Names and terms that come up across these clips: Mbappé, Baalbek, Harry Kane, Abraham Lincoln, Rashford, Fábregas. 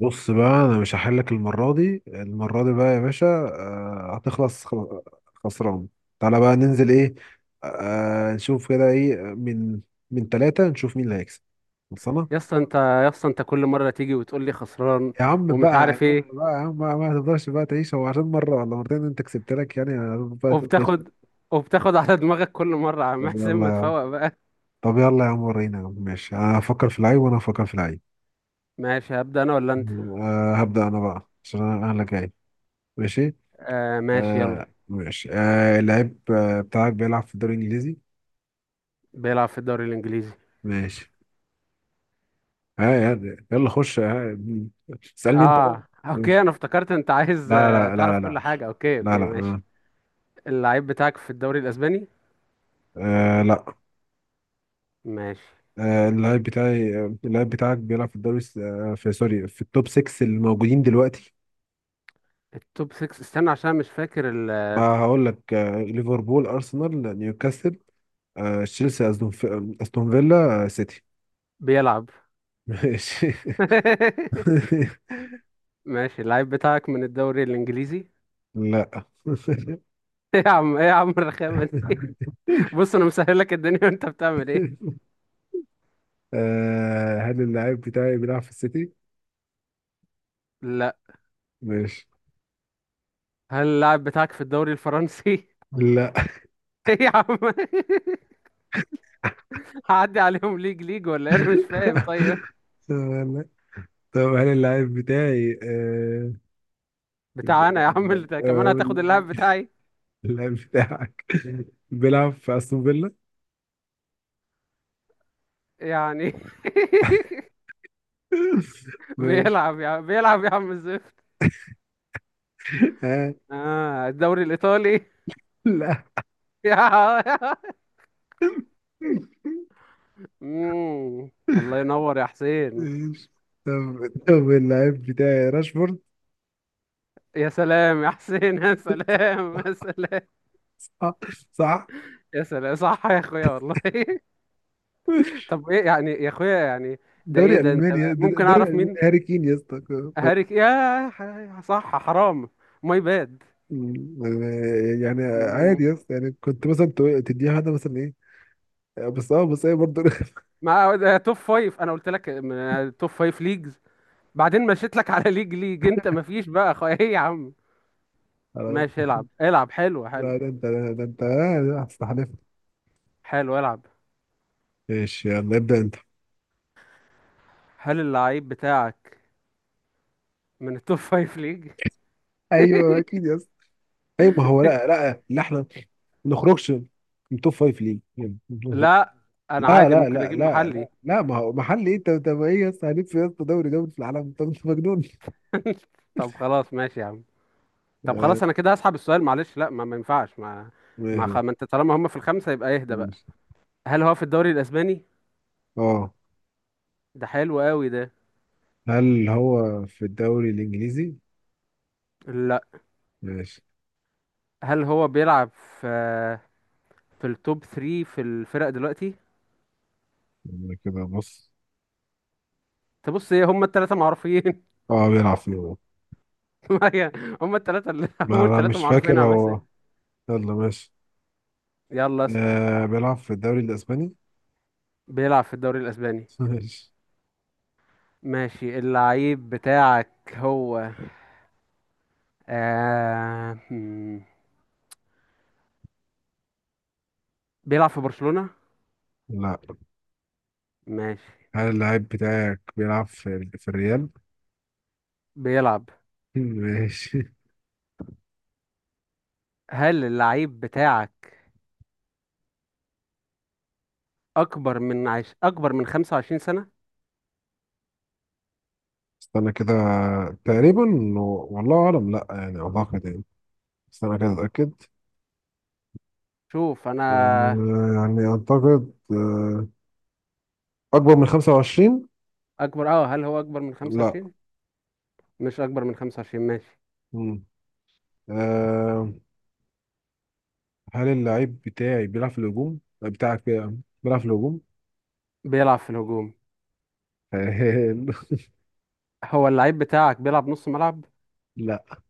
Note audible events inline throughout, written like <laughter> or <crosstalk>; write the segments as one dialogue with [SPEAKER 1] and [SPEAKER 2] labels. [SPEAKER 1] بص بقى انا مش هحلك المره دي المره دي بقى يا باشا، آه، هتخلص خسران. تعالى بقى ننزل ايه؟ نشوف كده ايه من ثلاثة، نشوف مين اللي هيكسب. خلصانه.
[SPEAKER 2] يا اسطى انت كل مره تيجي وتقول لي خسران
[SPEAKER 1] يا عم
[SPEAKER 2] ومش
[SPEAKER 1] بقى يا
[SPEAKER 2] عارف
[SPEAKER 1] عم
[SPEAKER 2] ايه
[SPEAKER 1] بقى يا عم بقى، ما تفضلش بقى تعيش. هو عشان مره ولا مرتين انت كسبت لك يعني هتفضل بقى تعيش؟
[SPEAKER 2] وبتاخد وبتاخد على دماغك كل مره عم
[SPEAKER 1] طب
[SPEAKER 2] حسين
[SPEAKER 1] يلا
[SPEAKER 2] ما
[SPEAKER 1] يا عم
[SPEAKER 2] تفوق بقى.
[SPEAKER 1] طب يلا يا عم، ورينا يا عم. ماشي، انا هفكر في العيب وانا هفكر في العيب.
[SPEAKER 2] ماشي، هبدا انا ولا انت؟
[SPEAKER 1] هبدأ انا بقى عشان أنا اللي جاي. ماشي.
[SPEAKER 2] آه ماشي يلا.
[SPEAKER 1] آه ماشي. اللعيب بتاعك بيلعب في الدوري الانجليزي؟
[SPEAKER 2] بيلعب في الدوري الانجليزي.
[SPEAKER 1] ماشي. ها يعني يلا خش. اسألني انت بقى.
[SPEAKER 2] اه اوكي،
[SPEAKER 1] ماشي.
[SPEAKER 2] انا افتكرت انت عايز
[SPEAKER 1] لا لا
[SPEAKER 2] تعرف
[SPEAKER 1] لا لا لا.
[SPEAKER 2] كل حاجه. اوكي
[SPEAKER 1] لا لا
[SPEAKER 2] اوكي ماشي.
[SPEAKER 1] آه.
[SPEAKER 2] اللعيب بتاعك في الدوري الاسباني؟
[SPEAKER 1] آه لا.
[SPEAKER 2] ماشي.
[SPEAKER 1] آه اللعيب بتاعي آه، اللعيب بتاعك بيلعب في الدوري الس- آه في سوري في التوب 6 الموجودين دلوقتي.
[SPEAKER 2] التوب 6، استنى عشان مش فاكر
[SPEAKER 1] بقى هقول لك: آه ليفربول، ارسنال، نيوكاسل، آه تشيلسي، أستون فيلا، آه سيتي.
[SPEAKER 2] بيلعب.
[SPEAKER 1] ماشي.
[SPEAKER 2] <laughs>
[SPEAKER 1] <laughs>
[SPEAKER 2] ماشي، اللعيب بتاعك من الدوري الانجليزي؟ <laughs>
[SPEAKER 1] لا.
[SPEAKER 2] ايه يا عم، ايه يا عم الرخامه دي. بص انا مسهل لك الدنيا، <laughs> وانت بتعمل ايه؟
[SPEAKER 1] <laughs> آه، هل اللاعب بتاعي بيلعب في السيتي؟
[SPEAKER 2] لا.
[SPEAKER 1] ماشي.
[SPEAKER 2] هل اللاعب بتاعك في الدوري الفرنسي؟ <laughs>
[SPEAKER 1] لا.
[SPEAKER 2] ايه يا عم. هعدي عليهم ليج ليج ولا إيه؟ انا مش فاهم.
[SPEAKER 1] <laughs>
[SPEAKER 2] طيب
[SPEAKER 1] لا. طب هل اللاعب بتاعي ب-
[SPEAKER 2] بتاع انا يا عم، اللي ده كمان
[SPEAKER 1] آه،
[SPEAKER 2] هتاخد اللاعب بتاعي؟
[SPEAKER 1] اللاعب بتاعك بيلعب في استون فيلا؟
[SPEAKER 2] يعني. <laughs>
[SPEAKER 1] <laughs> ماشي.
[SPEAKER 2] بيلعب يا عم، بيلعب يا عم الزفت.
[SPEAKER 1] آه
[SPEAKER 2] اه، الدوري الايطالي؟
[SPEAKER 1] لا.
[SPEAKER 2] <laughs> يا مم. الله ينور يا حسين.
[SPEAKER 1] ماشي. طب اللاعب بتاعي راشفورد؟
[SPEAKER 2] يا سلام يا حسين، <laughs> يا سلام يا سلام.
[SPEAKER 1] صح صح.
[SPEAKER 2] يا سلام صح يا اخويا والله. <laughs> طب ايه يعني يا اخويا يعني؟ ده
[SPEAKER 1] دوري
[SPEAKER 2] ايه ده انت.
[SPEAKER 1] المانيا.
[SPEAKER 2] ممكن
[SPEAKER 1] دوري
[SPEAKER 2] اعرف
[SPEAKER 1] المانيا
[SPEAKER 2] مين؟
[SPEAKER 1] هاري كين يا اسطى.
[SPEAKER 2] هاريك يا صح. حرام، ماي باد.
[SPEAKER 1] مم. يعني
[SPEAKER 2] مم.
[SPEAKER 1] عادي يس، يعني كنت مثلا تديها واحدة مثلا ايه. بس ايه برضه. <laughs>
[SPEAKER 2] ما ده توب فايف، انا قلت لك توب فايف ليجز. بعدين مشيت لك على ليج ليج، انت مفيش بقى ايه يا عم.
[SPEAKER 1] خلاص.
[SPEAKER 2] ماشي، العب العب. حلو حلو،
[SPEAKER 1] لا ده انت، ده انت هتستحلف.
[SPEAKER 2] حلو العب.
[SPEAKER 1] ماشي، يلا ابدأ انت.
[SPEAKER 2] هل اللعيب بتاعك من التوب فايف ليج؟
[SPEAKER 1] ايوه اكيد يس. ايوه، ما هو لا لا لا، احنا ما نخرجش من توب فايف ليه يعني؟
[SPEAKER 2] لا انا
[SPEAKER 1] لا
[SPEAKER 2] عادي
[SPEAKER 1] لا
[SPEAKER 2] ممكن
[SPEAKER 1] لا
[SPEAKER 2] اجيب
[SPEAKER 1] لا لا
[SPEAKER 2] محلي.
[SPEAKER 1] لا، ما هو محل ايه؟ انت انت ما ايه يا اسطى، هنلف في يا اسطى دوري دوري في العالم؟ انت مجنون.
[SPEAKER 2] <laughs> طب خلاص ماشي يا عم. طب
[SPEAKER 1] آه،
[SPEAKER 2] خلاص انا كده هسحب السؤال، معلش. لا ما ينفعش. ما ما, خ...
[SPEAKER 1] ماشي.
[SPEAKER 2] ما انت طالما هم في الخمسه يبقى اهدى بقى.
[SPEAKER 1] ماشي.
[SPEAKER 2] هل هو في الدوري الاسباني؟
[SPEAKER 1] اه،
[SPEAKER 2] ده حلو قوي ده.
[SPEAKER 1] هل هو في الدوري الانجليزي؟
[SPEAKER 2] لا.
[SPEAKER 1] ماشي.
[SPEAKER 2] هل هو بيلعب في في التوب 3 في الفرق دلوقتي؟
[SPEAKER 1] أنا كده بص.
[SPEAKER 2] تبص ايه، هم الثلاثه معروفين.
[SPEAKER 1] اه بيلعب فيه.
[SPEAKER 2] <laughs> ما هي هم الثلاثه اللي <laughs>
[SPEAKER 1] ما
[SPEAKER 2] اول
[SPEAKER 1] انا
[SPEAKER 2] ثلاثه
[SPEAKER 1] مش
[SPEAKER 2] معروفين، يا
[SPEAKER 1] فاكر
[SPEAKER 2] عم
[SPEAKER 1] هو.
[SPEAKER 2] اسال.
[SPEAKER 1] يلا ماشي.
[SPEAKER 2] يلا اسال.
[SPEAKER 1] آه بيلعب في الدوري الاسباني.
[SPEAKER 2] بيلعب في الدوري الاسباني؟
[SPEAKER 1] <laughs> ماشي.
[SPEAKER 2] ماشي. اللعيب بتاعك هو آه... هم، بيلعب في برشلونة؟
[SPEAKER 1] لا.
[SPEAKER 2] ماشي.
[SPEAKER 1] هل اللاعب بتاعك بيلعب في الريال؟
[SPEAKER 2] بيلعب.
[SPEAKER 1] <laughs> ماشي.
[SPEAKER 2] هل اللعيب بتاعك اكبر من اكبر من 25 سنة؟
[SPEAKER 1] استنى كده، تقريبا. والله اعلم، لا يعني اعتقد يعني. استنى كده اتاكد.
[SPEAKER 2] شوف انا،
[SPEAKER 1] يعني اعتقد، اكبر من 25.
[SPEAKER 2] اكبر اه. هل هو اكبر من
[SPEAKER 1] لا.
[SPEAKER 2] 25؟ مش اكبر من 25، ماشي.
[SPEAKER 1] مم. آه، هل اللاعب بتاعي بيلعب في الهجوم بتاعك بيلعب في الهجوم.
[SPEAKER 2] بيلعب في الهجوم.
[SPEAKER 1] <laughs>
[SPEAKER 2] هو اللعيب بتاعك بيلعب نص ملعب؟
[SPEAKER 1] لا.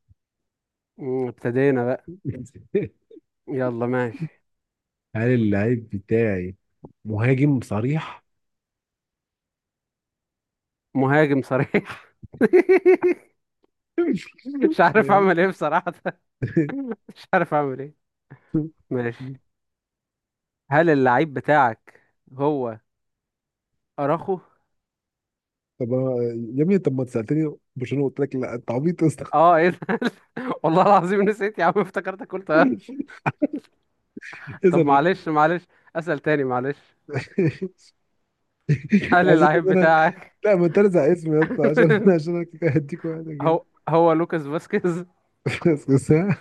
[SPEAKER 2] مم، ابتدينا بقى.
[SPEAKER 1] <laughs>
[SPEAKER 2] يلا ماشي.
[SPEAKER 1] هل اللعيب بتاعي مهاجم صريح؟
[SPEAKER 2] مهاجم صريح؟ <laughs>
[SPEAKER 1] <laughs>
[SPEAKER 2] مش عارف اعمل ايه بصراحة. <laughs> مش عارف اعمل ايه. ماشي، هل اللعيب بتاعك هو اراخو؟
[SPEAKER 1] طب أنا- يا ابني، طب ما أنت سالتني برشلونه قلت لك لا، انت عبيط يا اسطى. <laughs>
[SPEAKER 2] اه ايه ده. <laughs> والله العظيم نسيت يا عم، افتكرتك قلت اه.
[SPEAKER 1] اسال
[SPEAKER 2] طب
[SPEAKER 1] غير.
[SPEAKER 2] معلش معلش، اسأل تاني معلش. <laughs> هل
[SPEAKER 1] عايز أقول
[SPEAKER 2] اللعيب
[SPEAKER 1] ان انا،
[SPEAKER 2] بتاعك
[SPEAKER 1] لا، ما انت ارزع اسمي يا اسطى عشان انا
[SPEAKER 2] <laughs>
[SPEAKER 1] كده هديك واحده كده.
[SPEAKER 2] هو لوكاس فاسكيز؟
[SPEAKER 1] <laughs> بس بس ها.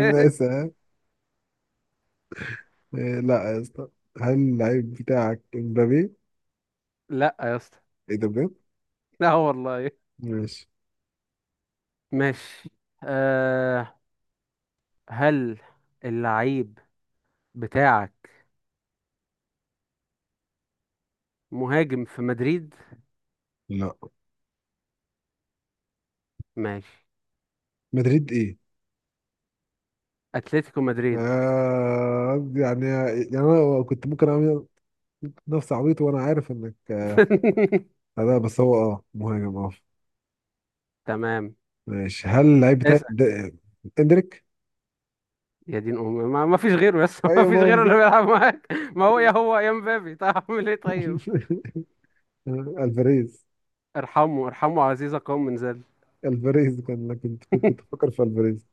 [SPEAKER 1] عامل ايه ساعة؟ إيه، لا يا اسطى، هل اللعيب بتاعك امبابي؟
[SPEAKER 2] لا يا اسطى،
[SPEAKER 1] ايه ده بجد؟
[SPEAKER 2] لا والله.
[SPEAKER 1] ماشي.
[SPEAKER 2] ماشي. أه، هل اللعيب بتاعك مهاجم في مدريد؟
[SPEAKER 1] لا.
[SPEAKER 2] ماشي.
[SPEAKER 1] مدريد ايه؟
[SPEAKER 2] اتلتيكو مدريد.
[SPEAKER 1] آه يعني، انا كنت ممكن اعمل نفس عبيط وانا عارف انك
[SPEAKER 2] <laughs>
[SPEAKER 1] لا بس هو اه مهاجم اه.
[SPEAKER 2] تمام.
[SPEAKER 1] ماشي، هل اللعيب بتاعي
[SPEAKER 2] اسأل.
[SPEAKER 1] ده- اندريك.
[SPEAKER 2] يا دين امي، ما فيش غيره يس. <laughs> ما
[SPEAKER 1] ايوه، ما
[SPEAKER 2] فيش
[SPEAKER 1] هو
[SPEAKER 2] غيره اللي
[SPEAKER 1] بالظبط.
[SPEAKER 2] بيلعب معاك، ما هو يا هو يا مبابي، طيب اعمل <laughs> ايه طيب.
[SPEAKER 1] <laughs> الفاريز.
[SPEAKER 2] ارحمه ارحمه، عزيزة قوم من ذل.
[SPEAKER 1] الفاريز كان كنت كنت بفكر في الفاريز.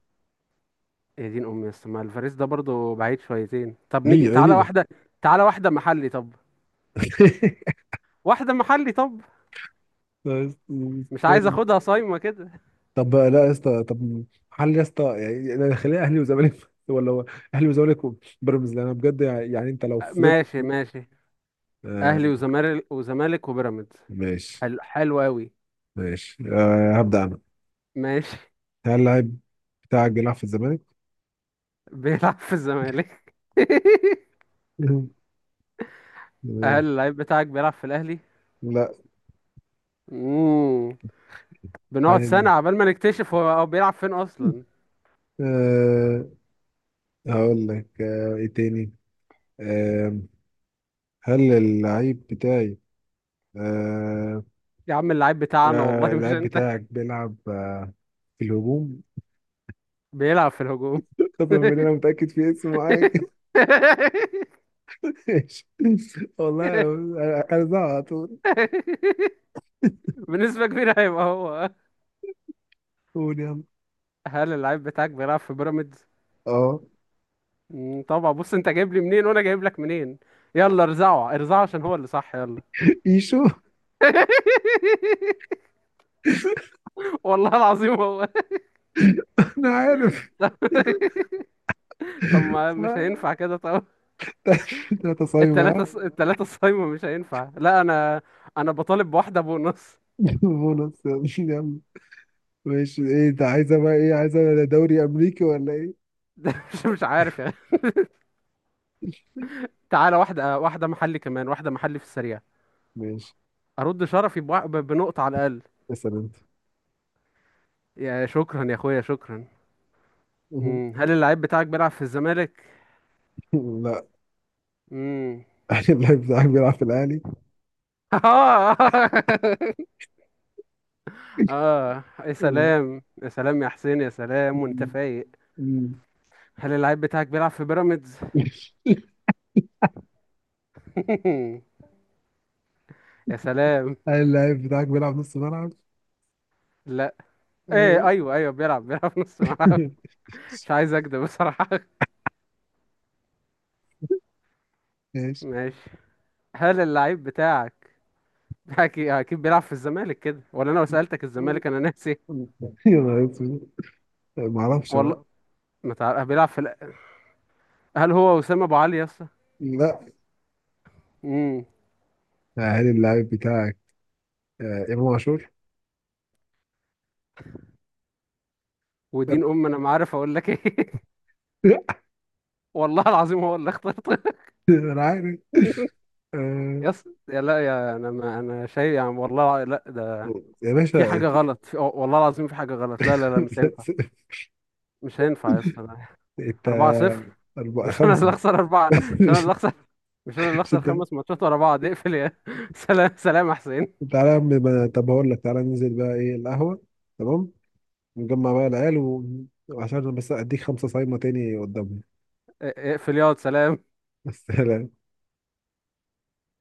[SPEAKER 2] يا دين امي بس، ما الفاريز ده برضه بعيد شويتين. طب
[SPEAKER 1] ليه
[SPEAKER 2] نيجي تعالى
[SPEAKER 1] ليه.
[SPEAKER 2] واحده. تعالى واحده محلي طب.
[SPEAKER 1] <laughs>
[SPEAKER 2] واحده محلي طب. مش عايز
[SPEAKER 1] استنى.
[SPEAKER 2] اخدها صايمه كده.
[SPEAKER 1] طب لا يا اسطى طب هل يا اسطى يعني، أنا خليها اهلي وزمالك <laughs> ولا هو اهلي وزمالك وبيراميدز؟ لان انا بجد يعني انت لو فضلت
[SPEAKER 2] ماشي ماشي. اهلي
[SPEAKER 1] آه.
[SPEAKER 2] وزمالك، وزمالك وبيراميدز.
[SPEAKER 1] ماشي
[SPEAKER 2] حلو، حلو قوي.
[SPEAKER 1] ماشي. آه، هبدأ انا.
[SPEAKER 2] ماشي.
[SPEAKER 1] هل اللعيب بتاعك بيلعب في الزمالك؟
[SPEAKER 2] <laughs> بيلعب في الزمالك.
[SPEAKER 1] <laughs>
[SPEAKER 2] <laughs>
[SPEAKER 1] آه،
[SPEAKER 2] هل اللعيب بتاعك بيلعب في الاهلي؟
[SPEAKER 1] لا.
[SPEAKER 2] امم. بنقعد
[SPEAKER 1] هل
[SPEAKER 2] سنه عبال ما نكتشف هو بيلعب فين اصلا.
[SPEAKER 1] أه هقول لك أه ايه تاني. أه هل اللعيب بتاعي أه.
[SPEAKER 2] يا عم اللعيب بتاعنا والله مش
[SPEAKER 1] اللعيب
[SPEAKER 2] انت.
[SPEAKER 1] بتاعك بيلعب في الهجوم.
[SPEAKER 2] بيلعب في الهجوم.
[SPEAKER 1] <laughs> قسما بالله انا متأكد في اسم معين كده. ماشي. <laughs> والله انا زعل على طول.
[SPEAKER 2] <laughs> بنسبة كبيرة هيبقى هو.
[SPEAKER 1] قول يلا.
[SPEAKER 2] هل اللعيب بتاعك بيلعب في بيراميدز؟
[SPEAKER 1] اه
[SPEAKER 2] مم، طبعا. بص، انت جايب لي منين وانا جايب لك منين؟ يلا ارزعه ارزعه عشان هو اللي صح، يلا.
[SPEAKER 1] ايشو. <laughs>
[SPEAKER 2] <laughs> والله العظيم هو.
[SPEAKER 1] انا عارف.
[SPEAKER 2] <laughs> طب ما مش هينفع كده طب.
[SPEAKER 1] <laughs> 3 صايمة ها؟
[SPEAKER 2] التلاتة التلاتة الصايمة مش هينفع، لا. انا انا بطالب بواحدة بونص.
[SPEAKER 1] <laughs> بونص. يلا ماشي، ايه انت عايزة بقى، ايه عايزة؟ دوري امريكي ولا ايه؟
[SPEAKER 2] <laughs> ده مش عارف يعني.
[SPEAKER 1] <laughs>
[SPEAKER 2] تعالى واحدة، واحدة محلي كمان، واحدة محلي في السريع.
[SPEAKER 1] ماشي،
[SPEAKER 2] ارد شرفي بنقطة على الاقل.
[SPEAKER 1] اسأل انت.
[SPEAKER 2] يا شكرا يا اخويا شكرا.
[SPEAKER 1] مهم.
[SPEAKER 2] مم، هل اللعيب بتاعك بيلعب في الزمالك؟
[SPEAKER 1] لا.
[SPEAKER 2] امم.
[SPEAKER 1] <laughs> اللعيب بتاعك بيلعب في الأهلي.
[SPEAKER 2] <laughs> اه اه يا
[SPEAKER 1] مم.
[SPEAKER 2] سلام، يا سلام يا حسين، يا سلام وانت
[SPEAKER 1] مم.
[SPEAKER 2] فايق.
[SPEAKER 1] مم.
[SPEAKER 2] هل اللعيب بتاعك بيلعب في بيراميدز؟ <laughs> يا سلام.
[SPEAKER 1] هل اللعيب بتاعك بيلعب نص ملعب؟
[SPEAKER 2] لا. ايه،
[SPEAKER 1] مم.
[SPEAKER 2] ايوه ايوه، بيلعب بيلعب نص ملعب. مش عايز اكدب بصراحة. <laughs>
[SPEAKER 1] ماشي.
[SPEAKER 2] ماشي. هل اللعيب بتاعك <laughs> اكيد اكيد بيلعب في الزمالك كده، ولا انا لو سألتك الزمالك انا ناسي؟
[SPEAKER 1] يلا اسود، ما اعرفش بقى.
[SPEAKER 2] والله ما تعرف بيلعب في هل هو وسام ابو علي يا اسطى؟
[SPEAKER 1] لا.
[SPEAKER 2] امم.
[SPEAKER 1] هل اللعيب بتاعك آه، امام عاشور؟
[SPEAKER 2] ودين
[SPEAKER 1] <laughs>
[SPEAKER 2] ام، انا ما عارف اقول لك ايه.
[SPEAKER 1] لا،
[SPEAKER 2] <laughs> والله العظيم هو اللي اخترت.
[SPEAKER 1] انا عارف. آه،
[SPEAKER 2] يس يا لا يا، انا ما انا شايف يعني والله، لا ده
[SPEAKER 1] يا
[SPEAKER 2] في
[SPEAKER 1] باشا
[SPEAKER 2] حاجه
[SPEAKER 1] أكيد.
[SPEAKER 2] غلط والله العظيم في حاجه غلط. لا لا لا، مش هينفع.
[SPEAKER 1] <laughs>
[SPEAKER 2] مش هينفع يا اسطى، لا.
[SPEAKER 1] انت
[SPEAKER 2] 4-0.
[SPEAKER 1] أربعة
[SPEAKER 2] مش انا اللي
[SPEAKER 1] خمسة.
[SPEAKER 2] اخسر اربعه.
[SPEAKER 1] <laughs>
[SPEAKER 2] مش انا
[SPEAKER 1] مش
[SPEAKER 2] اللي اخسر. مش انا اللي
[SPEAKER 1] مش
[SPEAKER 2] اخسر
[SPEAKER 1] انت.
[SPEAKER 2] خمس ماتشات ورا بعض. اقفل يا <laughs> سلام سلام يا حسين.
[SPEAKER 1] تعالى يا عم بقى- طب هقول لك تعالى ننزل بقى ايه، القهوة؟ تمام. نجمع بقى العيال و... وعشان بس اديك 5 صايمة تاني قدامنا.
[SPEAKER 2] اقفل ياض سلام.
[SPEAKER 1] بس <laughs> لا